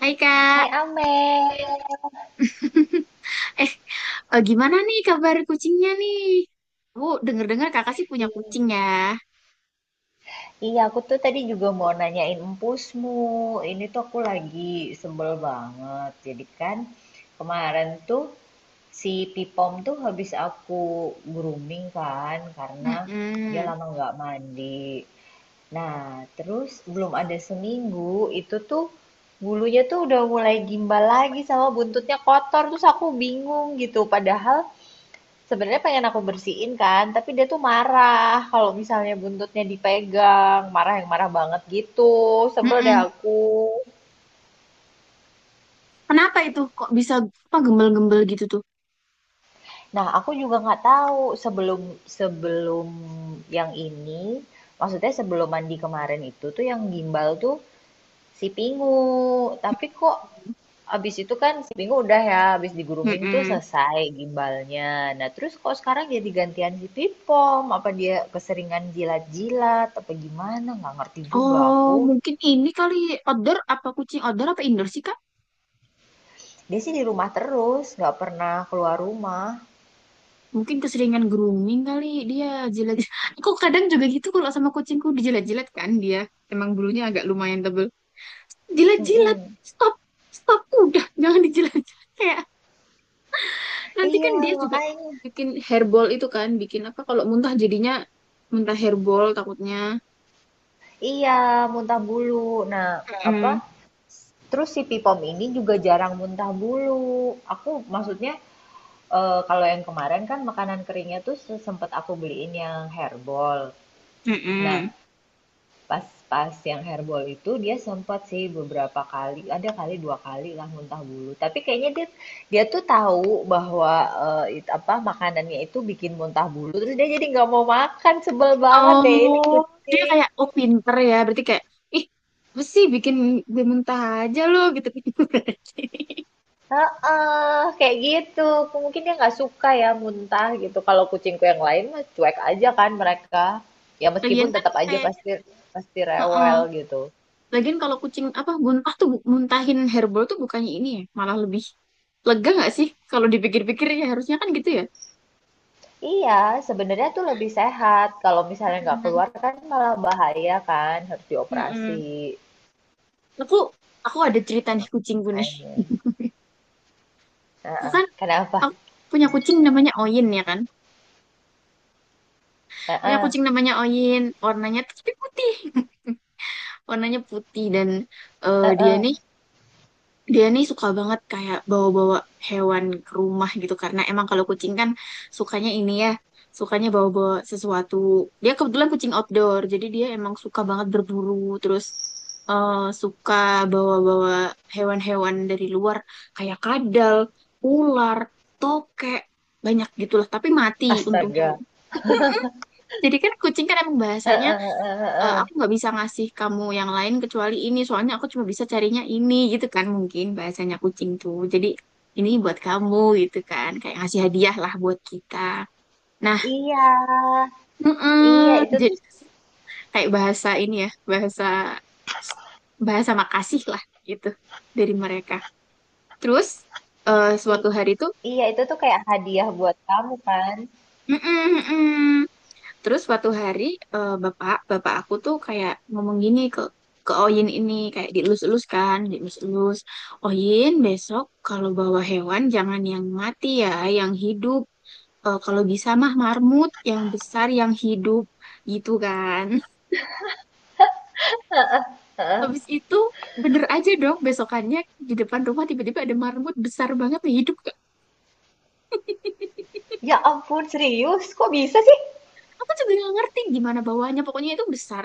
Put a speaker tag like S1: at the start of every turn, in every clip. S1: Hai, Kak.
S2: Hai Amel,
S1: eh Gimana nih kabar kucingnya nih? Bu, denger-dengar kakak sih punya
S2: I-
S1: kucing ya.
S2: iya aku tuh tadi juga mau nanyain empusmu. Ini tuh aku lagi sebel banget. Jadi kan kemarin tuh si Pipom tuh habis aku grooming kan karena dia
S1: Mm-mm.
S2: lama nggak mandi. Nah, terus belum ada seminggu itu tuh bulunya tuh udah mulai gimbal lagi sama buntutnya kotor. Terus aku bingung gitu. Padahal sebenarnya pengen aku bersihin kan, tapi dia tuh marah kalau misalnya buntutnya dipegang, marah yang marah banget gitu. Sebel deh
S1: Mm-mm.
S2: aku.
S1: Kenapa itu kok bisa apa gembel-gembel gitu tuh?
S2: Nah, aku juga nggak tahu sebelum sebelum yang ini, maksudnya sebelum mandi kemarin itu tuh yang gimbal tuh si Pingu. Tapi kok abis itu kan seminggu udah ya, abis di grooming tuh
S1: Mm-mm.
S2: selesai gimbalnya. Nah, terus kok sekarang jadi gantian si Pipom? Apa dia keseringan jilat-jilat? Apa gimana? Nggak ngerti juga
S1: Oh,
S2: aku.
S1: mungkin ini kali outdoor apa kucing outdoor apa indoor sih Kak?
S2: Dia sih di rumah terus, nggak pernah keluar rumah.
S1: Mungkin keseringan grooming kali dia jilat-jilat. Aku kadang juga gitu kalau sama kucingku dijilat-jilat kan dia. Emang bulunya agak lumayan tebel. Jilat-jilat,
S2: Mm-mm.
S1: stop, stop, udah jangan dijilat. Kayak, nanti kan
S2: Iya,
S1: dia juga
S2: makanya.
S1: bikin hairball itu kan, bikin apa kalau muntah jadinya muntah hairball takutnya.
S2: Iya, muntah bulu. Nah, apa?
S1: Mm-mm.
S2: Terus si Pipom ini juga jarang muntah bulu. Aku maksudnya kalau yang kemarin kan makanan keringnya tuh sempet aku beliin yang herbal. Nah,
S1: Mm-mm.
S2: Pas pas yang hairball itu dia sempat sih beberapa kali, ada kali 2 kali lah muntah bulu. Tapi kayaknya dia dia tuh tahu bahwa, eee, it apa, makanannya itu bikin muntah bulu, terus dia jadi nggak mau makan, sebel banget deh ini
S1: Oh, dia
S2: kucing.
S1: kayak, oh, pinter ya, berarti kayak, ih, apa sih bikin gue muntah aja lo gitu berarti.
S2: Heeh, kayak gitu. Mungkin dia nggak suka ya muntah gitu. Kalau kucingku yang lain mah cuek aja kan mereka. Ya meskipun
S1: Lagian kan
S2: tetap aja
S1: kayaknya,
S2: pasti pasti
S1: heeh.
S2: rewel gitu.
S1: Lagian kalau kucing apa muntah tuh muntahin hairball tuh bukannya ini ya, malah lebih lega nggak sih kalau dipikir-pikir ya harusnya kan gitu ya.
S2: Iya, sebenarnya tuh lebih sehat. Kalau misalnya nggak
S1: Mm-mm.
S2: keluar kan malah bahaya kan, harus
S1: Mm-mm.
S2: dioperasi.
S1: Aku aku ada cerita nih kucingku nih.
S2: Makanya.
S1: Aku
S2: Heeh.
S1: kan
S2: Kenapa?
S1: Aku punya kucing namanya Oyin ya kan. Punya
S2: Heeh,
S1: kucing namanya Oyin, warnanya tuh tapi putih. Warnanya putih dan eh, dia
S2: heeh.
S1: nih dia nih suka banget kayak bawa-bawa hewan ke rumah gitu karena emang kalau kucing kan sukanya ini ya, sukanya bawa-bawa sesuatu. Dia kebetulan kucing outdoor, jadi dia emang suka banget berburu, terus eh, suka bawa-bawa hewan-hewan dari luar kayak kadal, ular, tokek, banyak gitulah, tapi mati untungnya.
S2: Astaga.
S1: Jadi kan kucing kan emang
S2: Heeh,
S1: bahasanya,
S2: heeh,
S1: "Eh,
S2: heeh.
S1: aku nggak bisa ngasih kamu yang lain kecuali ini, soalnya aku cuma bisa carinya ini gitu kan mungkin bahasanya kucing tuh. Jadi ini buat kamu gitu kan, kayak ngasih hadiah lah buat kita. Nah,
S2: Iya, iya
S1: mm-mm.
S2: itu tuh
S1: Jadi kayak bahasa ini ya, bahasa bahasa makasih lah gitu dari mereka. Terus eh, suatu
S2: i-
S1: hari tuh,
S2: iya itu tuh kayak hadiah buat kamu kan.
S1: mm Terus suatu hari, bapak bapak aku tuh kayak ngomong gini ke Oyin ini, kayak dielus-elus kan, dielus-elus. Oyin besok kalau bawa hewan jangan yang mati ya, yang hidup. Eh, kalau bisa mah marmut yang besar yang hidup gitu kan. Habis itu bener aja dong, besokannya di depan rumah tiba-tiba ada marmut besar banget tuh, hidup.
S2: Ya ampun, serius? Kok bisa sih?
S1: Aku juga nggak ngerti gimana bawahnya, pokoknya itu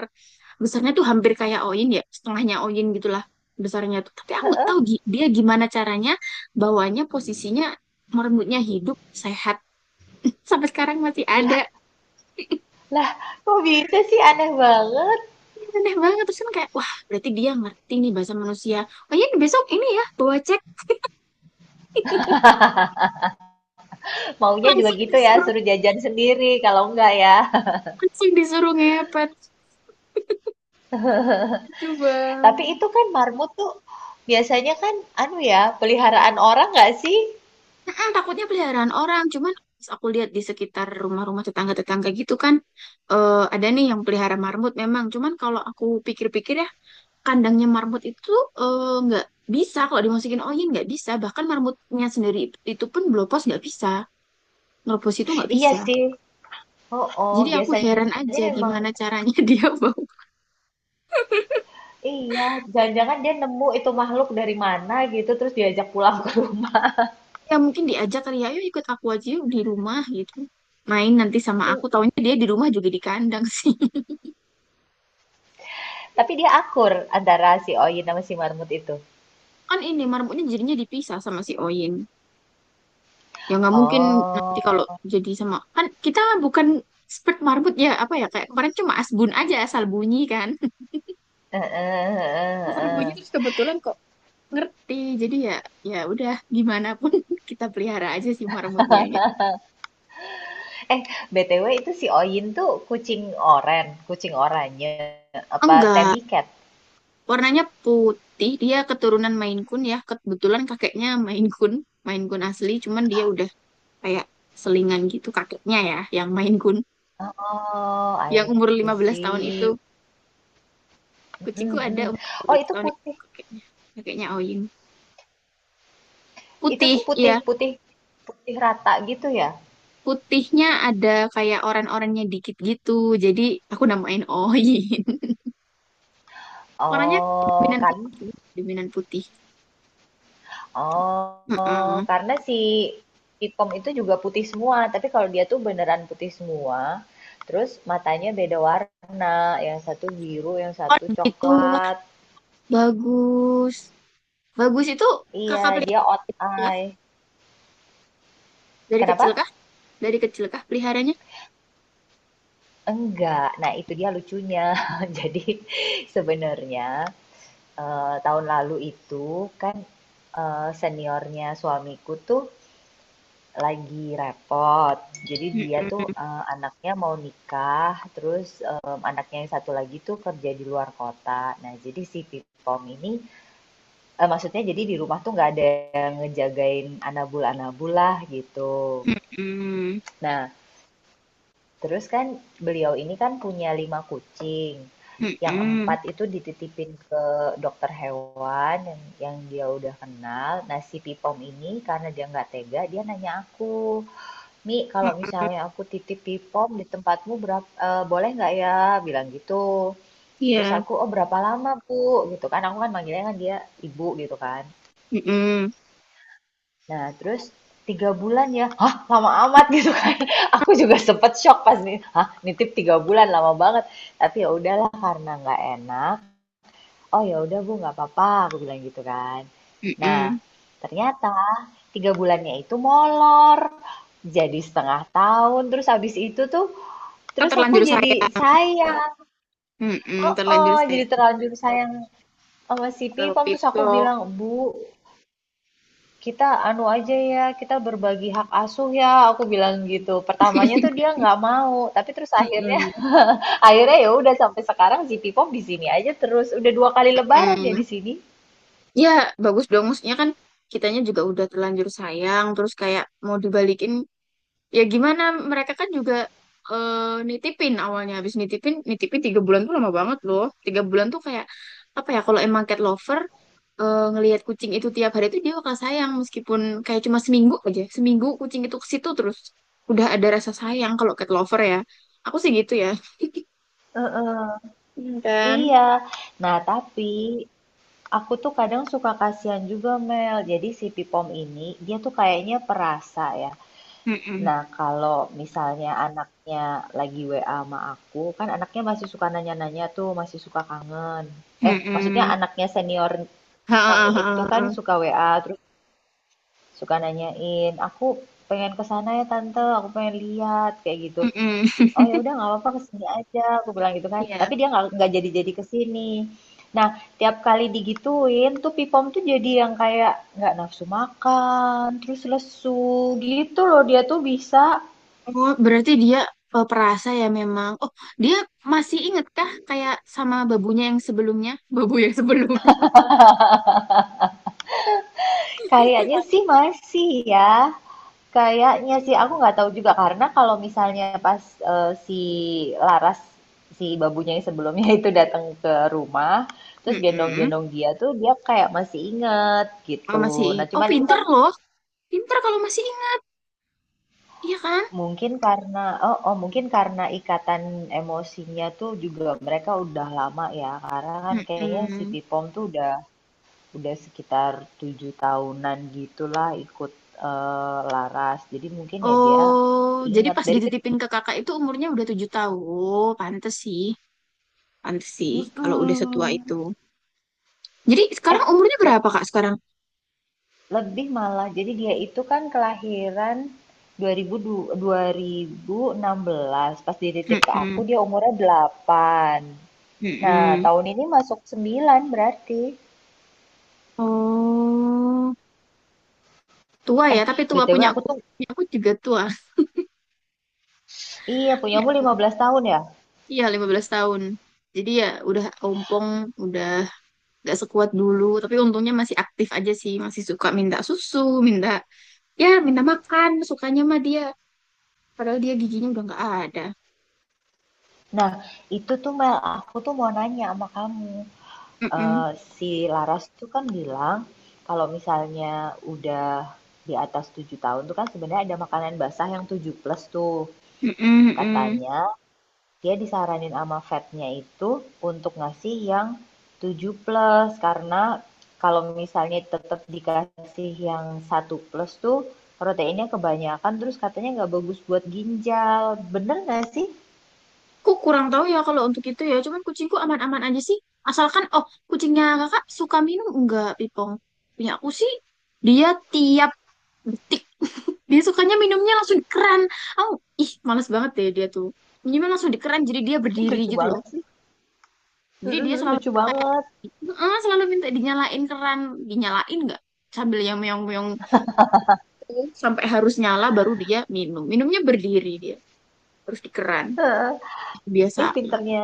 S1: besarnya tuh hampir kayak Oyin ya, setengahnya Oyin gitulah besarnya tuh, tapi aku nggak tahu dia gimana caranya bawahnya, posisinya merengutnya, hidup, sehat, sampai sekarang masih
S2: Lah,
S1: ada.
S2: lah, kok bisa sih? Aneh banget.
S1: Ini aneh banget, terus kan kayak, wah, berarti dia ngerti nih bahasa manusia, oh iya, besok ini ya, bawa cek.
S2: Maunya juga
S1: langsung
S2: gitu ya,
S1: disuruh
S2: suruh jajan sendiri kalau enggak ya.
S1: langsung disuruh ngepet coba.
S2: Tapi itu kan marmut tuh biasanya kan anu ya, peliharaan orang nggak sih?
S1: Mm-mm, takutnya peliharaan orang, cuman pas aku lihat di sekitar rumah-rumah tetangga-tetangga gitu kan, ada nih yang pelihara marmut memang. Cuman kalau aku pikir-pikir ya, kandangnya marmut itu, nggak bisa kalau dimasukin angin nggak bisa. Bahkan marmutnya sendiri itu pun blopos nggak bisa, ngeropos itu nggak
S2: Iya
S1: bisa.
S2: sih. Oh, oh,
S1: Jadi aku heran
S2: biasanya
S1: aja
S2: emang
S1: gimana caranya dia mau.
S2: iya, jangan-jangan dia nemu itu makhluk dari mana gitu terus diajak pulang ke rumah.
S1: Ya mungkin diajak kali ya, ayo ikut aku aja yuk di rumah gitu. Main nanti sama aku, taunya dia di rumah juga di kandang sih.
S2: Tapi dia akur antara si Oyin sama si marmut itu.
S1: Kan ini marmutnya jadinya dipisah sama si Oyin. Ya nggak mungkin nanti kalau
S2: Oh.
S1: jadi sama, kan kita bukan expert marbut ya, apa ya, kayak kemarin cuma asbun aja, asal bunyi kan.
S2: Eh, eh, eh,
S1: Asal bunyi
S2: eh.
S1: terus kebetulan kok ngerti. Jadi ya, ya udah, gimana pun kita pelihara aja sih marmutnya gitu.
S2: Eh, BTW itu si Oyin tuh kucing oren, kucing oranye apa
S1: Enggak,
S2: tabby cat?
S1: warnanya putih. Dia keturunan Maine Coon ya. Kebetulan kakeknya Maine Coon, Maine Coon asli, cuman dia udah kayak selingan gitu, kakeknya ya yang Maine Coon,
S2: Oh,
S1: yang
S2: I
S1: umur 15 tahun
S2: see.
S1: itu. Kucingku ada
S2: Mhm.
S1: umur lima
S2: Oh
S1: belas
S2: itu
S1: tahun itu
S2: putih,
S1: kakeknya. Kakeknya Oyin.
S2: itu
S1: Putih,
S2: tuh
S1: iya.
S2: putih putih putih rata gitu ya?
S1: Putihnya ada kayak orannya dikit gitu. Jadi aku namain Oin. Warnanya
S2: Oh
S1: dominan
S2: kan,
S1: putih, dominan putih.
S2: oh
S1: Heeh.
S2: karena si Ipom itu juga putih semua, tapi kalau dia tuh beneran putih semua, terus matanya beda warna, yang satu biru, yang
S1: Oh
S2: satu
S1: gitu. Wah,
S2: coklat.
S1: bagus. Bagus itu
S2: Iya,
S1: kakak pelihara
S2: dia out
S1: kah?
S2: eye.
S1: Dari kecil
S2: Kenapa?
S1: kah? Dari kecil kah peliharanya?
S2: Enggak. Nah, itu dia lucunya. Jadi sebenarnya tahun lalu itu kan seniornya suamiku tuh lagi repot. Jadi dia tuh
S1: Mm-mm.
S2: anaknya mau nikah, terus anaknya yang satu lagi tuh kerja di luar kota. Nah, jadi si Pipom ini maksudnya jadi di rumah tuh nggak ada yang ngejagain anabul-anabul lah gitu.
S1: Mm-mm.
S2: Nah, terus kan beliau ini kan punya 5 kucing. Yang
S1: Mm-mm.
S2: empat itu dititipin ke dokter hewan yang dia udah kenal. Nah, si Pipom ini karena dia nggak tega, dia nanya aku, Mi, kalau
S1: Oh.
S2: misalnya aku titip Pipom di tempatmu berapa, eh, boleh nggak ya? Bilang gitu. Terus
S1: Iya.
S2: aku, oh berapa lama Bu? Gitu kan, aku kan manggilnya kan dia ibu gitu kan.
S1: Mm-mm.
S2: Nah, terus 3 bulan ya, hah lama amat gitu kan. Aku juga sempet shock pas nih, hah nitip 3 bulan lama banget. Tapi ya udahlah karena nggak enak. Oh ya udah Bu nggak apa-apa, aku bilang gitu kan. Nah,
S1: Mm-mm.
S2: ternyata 3 bulannya itu molor. Jadi setengah tahun, terus habis itu tuh,
S1: Kan
S2: terus aku
S1: terlanjur
S2: jadi
S1: sayang.
S2: sayang.
S1: Mm-mm. Terlanjur
S2: Oh, jadi
S1: sayang.
S2: terlanjur sayang sama si
S1: Kalau
S2: Pipom. Terus aku
S1: pitok.
S2: bilang, Bu, "Kita anu aja ya, kita berbagi hak asuh ya," aku bilang gitu. Pertamanya tuh dia nggak mau, tapi terus akhirnya
S1: Mm-mm.
S2: akhirnya ya udah sampai sekarang si Pipom di sini aja terus. Udah 2 kali lebaran dia
S1: Mm-mm.
S2: di sini.
S1: Ya, bagus dong. Maksudnya kan kitanya juga udah terlanjur sayang, terus kayak mau dibalikin. Ya gimana, mereka kan juga eh, nitipin awalnya. Habis nitipin, 3 bulan tuh lama banget loh. 3 bulan tuh kayak, apa ya, kalau emang cat lover, ngelihat kucing itu tiap hari tuh dia bakal sayang. Meskipun kayak cuma seminggu aja. Seminggu kucing itu ke situ terus. Udah ada rasa sayang kalau cat lover ya. Aku sih gitu ya.
S2: Heeh,
S1: Hmm. Kan?
S2: iya. Nah, tapi aku tuh kadang suka kasihan juga Mel. Jadi si Pipom ini dia tuh kayaknya perasa ya.
S1: Mm-mm.
S2: Nah, kalau misalnya anaknya lagi WA sama aku, kan anaknya masih suka nanya-nanya tuh, masih suka kangen. Eh, maksudnya
S1: Mm-mm.
S2: anaknya senior
S1: Ha, ha,
S2: kami
S1: ha,
S2: itu
S1: ha,
S2: kan
S1: ha.
S2: suka WA, terus suka nanyain, aku pengen ke sana ya tante, aku pengen lihat, kayak gitu. Oh
S1: Mm-mm.
S2: ya udah nggak apa-apa kesini aja, aku bilang gitu kan.
S1: Iya.
S2: Tapi dia nggak jadi-jadi kesini. Nah, tiap kali digituin tuh Pipom tuh jadi yang kayak nggak nafsu makan, terus lesu gitu loh dia tuh bisa.
S1: Oh, berarti dia, perasa ya memang. Oh, dia masih inget kah kayak sama babunya yang sebelumnya? Babu yang sebelumnya.
S2: Kayaknya sih masih ya. Kayaknya sih aku nggak tahu juga karena kalau misalnya pas, si Laras, si babunya yang sebelumnya itu datang ke rumah, terus
S1: Mm-mm.
S2: gendong-gendong dia tuh dia kayak masih inget
S1: Oh, masih
S2: gitu. Nah
S1: inget. Oh,
S2: cuman ini
S1: pinter
S2: kan
S1: loh. Pinter kalau masih inget, iya kan?
S2: mungkin karena oh mungkin karena ikatan emosinya tuh juga mereka udah lama ya, karena kan kayaknya si
S1: Mm-mm.
S2: Pipom tuh udah sekitar 7 tahunan gitulah ikut Laras. Jadi mungkin ya dia
S1: Oh, jadi
S2: ingat
S1: pas
S2: dari kecil.
S1: dititipin ke kakak itu umurnya udah 7 tahun. Oh, pantes sih. Pantes sih kalau udah setua itu. Jadi sekarang
S2: Eh,
S1: umurnya
S2: le-
S1: berapa, Kak, sekarang?
S2: lebih malah. Jadi dia itu kan kelahiran 2000, 2016. Pas dititip ke aku
S1: Mm-mm.
S2: dia umurnya 8. Nah,
S1: Mm-mm.
S2: tahun ini masuk 9 berarti.
S1: Oh, tua ya.
S2: Eh,
S1: Tapi tua
S2: BTW
S1: punya
S2: aku
S1: aku.
S2: tuh
S1: Punya aku juga tua.
S2: iya
S1: Ya.
S2: punyamu 15 tahun ya.
S1: Iya, 15 tahun. Jadi ya udah ompong, udah gak sekuat dulu. Tapi untungnya masih aktif aja sih. Masih suka minta susu, minta, minta makan. Sukanya mah dia. Padahal dia giginya udah gak ada.
S2: Nah, itu tuh Mel, aku tuh mau nanya sama kamu.
S1: Mm-mm.
S2: Eee, si Laras tuh kan bilang, kalau misalnya udah di atas 7 tahun tuh kan sebenarnya ada makanan basah yang tujuh plus tuh.
S1: Mm-mm, mm-mm.
S2: Katanya dia disaranin sama vetnya itu untuk ngasih yang tujuh plus karena kalau misalnya tetap dikasih yang satu plus tuh proteinnya kebanyakan, terus katanya nggak bagus buat ginjal. Bener nggak sih?
S1: Aku kurang tahu ya kalau untuk itu ya. Cuman kucingku aman-aman aja sih. Asalkan, oh, kucingnya kakak suka minum enggak, Pipong? Punya aku sih, dia tiap detik. Dia sukanya minumnya langsung di keran. Oh, ih, males banget deh dia tuh. Minumnya langsung di keran, jadi dia
S2: Ini
S1: berdiri
S2: lucu
S1: gitu loh.
S2: banget sih.
S1: Jadi
S2: Mhm
S1: dia
S2: mhm,
S1: selalu
S2: lucu
S1: kayak,
S2: banget.
S1: "Eh, selalu minta dinyalain keran. Dinyalain enggak?" Sambil yang meong-meong gitu, sampai harus nyala baru dia minum. Minumnya berdiri dia. Terus di keran.
S2: Heeh. Ih,
S1: Biasa.
S2: pinternya.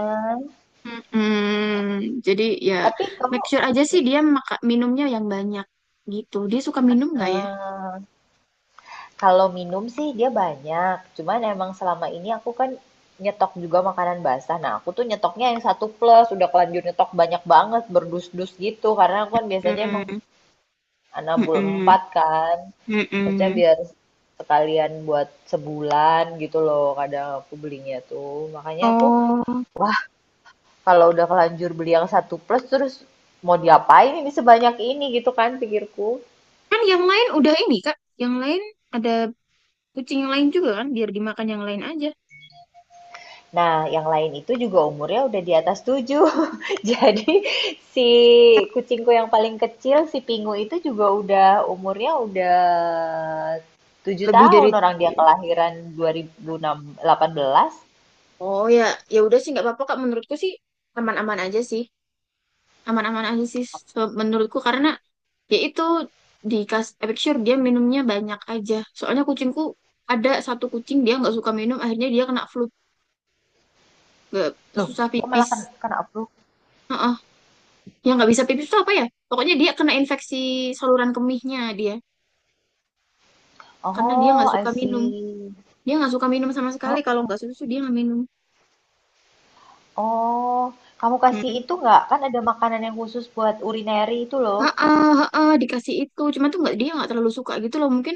S1: Mm-mm. Jadi ya,
S2: Tapi kamu
S1: make sure aja sih dia minumnya yang banyak gitu. Dia suka minum nggak ya?
S2: Eee, Kalau minum sih dia banyak, cuman emang selama ini aku kan nyetok juga makanan basah. Nah, aku tuh nyetoknya yang satu plus, udah kelanjur nyetok banyak banget, berdus-dus gitu. Karena aku kan biasanya emang
S1: Mm.
S2: nabung
S1: Mm-mm.
S2: 4 kan, maksudnya
S1: Mm-mm.
S2: biar sekalian buat sebulan gitu loh, kadang aku belinya tuh. Makanya aku
S1: Oh,
S2: kalau udah kelanjur beli yang satu plus, terus mau diapain ini sebanyak ini gitu kan pikirku.
S1: kan yang lain udah ini Kak. Yang lain ada kucing yang lain juga kan, biar dimakan yang lain aja.
S2: Nah, yang lain itu juga umurnya udah di atas tujuh. Jadi si kucingku yang paling kecil, si Pingu itu juga udah umurnya udah 7
S1: Lebih dari.
S2: tahun. Orang dia kelahiran 2018.
S1: Oh ya, ya udah sih nggak apa-apa Kak. Menurutku sih aman-aman aja sih. Aman-aman aja sih menurutku karena yaitu, make sure dia minumnya banyak aja, soalnya kucingku ada satu kucing dia nggak suka minum, akhirnya dia kena flu, nggak,
S2: Loh,
S1: susah
S2: kok malah
S1: pipis.
S2: kan kena flu?
S1: Heeh. Yang nggak bisa pipis itu apa ya, pokoknya dia kena infeksi saluran kemihnya dia, karena dia
S2: Oh,
S1: nggak
S2: I
S1: suka minum
S2: see.
S1: dia nggak suka minum sama sekali,
S2: Oh,
S1: kalau nggak susu dia nggak minum.
S2: oh. Kamu kasih itu
S1: Hmm.
S2: nggak? Kan ada makanan yang khusus buat urinary itu loh.
S1: Heeh, heeh, dikasih itu cuma tuh nggak, dia nggak terlalu suka gitu loh, mungkin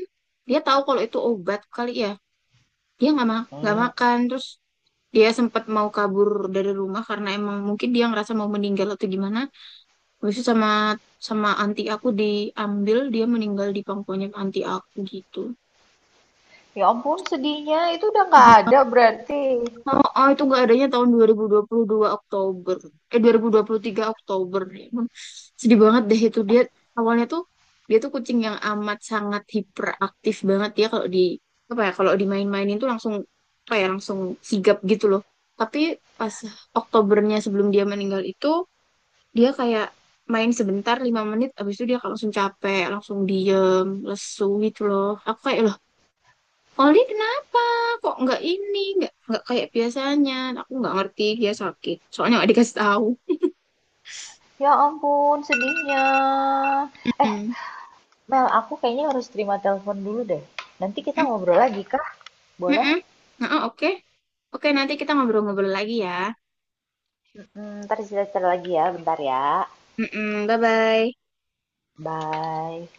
S1: dia tahu kalau itu obat kali ya, dia nggak
S2: Hmm.
S1: makan terus. Dia sempat mau kabur dari rumah karena emang mungkin dia ngerasa mau meninggal atau gimana, habis itu sama sama anti aku diambil, dia meninggal di pangkuannya anti aku gitu.
S2: Ya ampun, sedihnya itu udah nggak ada berarti.
S1: Oh, oh, itu nggak adanya tahun dua 2022 Oktober. Eh, dua 2023 Oktober. Ya ampun, sedih banget deh itu. Dia awalnya tuh, dia tuh kucing yang amat sangat hiperaktif banget. Ya kalau apa ya, kalau dimain-mainin tuh langsung, apa ya, langsung sigap gitu loh. Tapi pas Oktobernya sebelum dia meninggal itu, dia kayak main sebentar, 5 menit, abis itu dia langsung capek, langsung diem, lesu gitu loh. Aku kayak, Oli kenapa? Kok nggak ini? Nggak kayak biasanya. Aku nggak ngerti dia sakit. Soalnya nggak dikasih tahu.
S2: Ya ampun, sedihnya. Eh,
S1: Mm.
S2: Mel, aku kayaknya harus terima telepon dulu deh. Nanti kita
S1: Mm,
S2: ngobrol lagi, kah?
S1: mm,
S2: Boleh?
S1: mm. Nah, oh, oke. Oke, nanti kita ngobrol-ngobrol lagi ya.
S2: Mm, ntar cerita-cerita lagi ya, bentar ya.
S1: Mm-mm, bye-bye.
S2: Bye.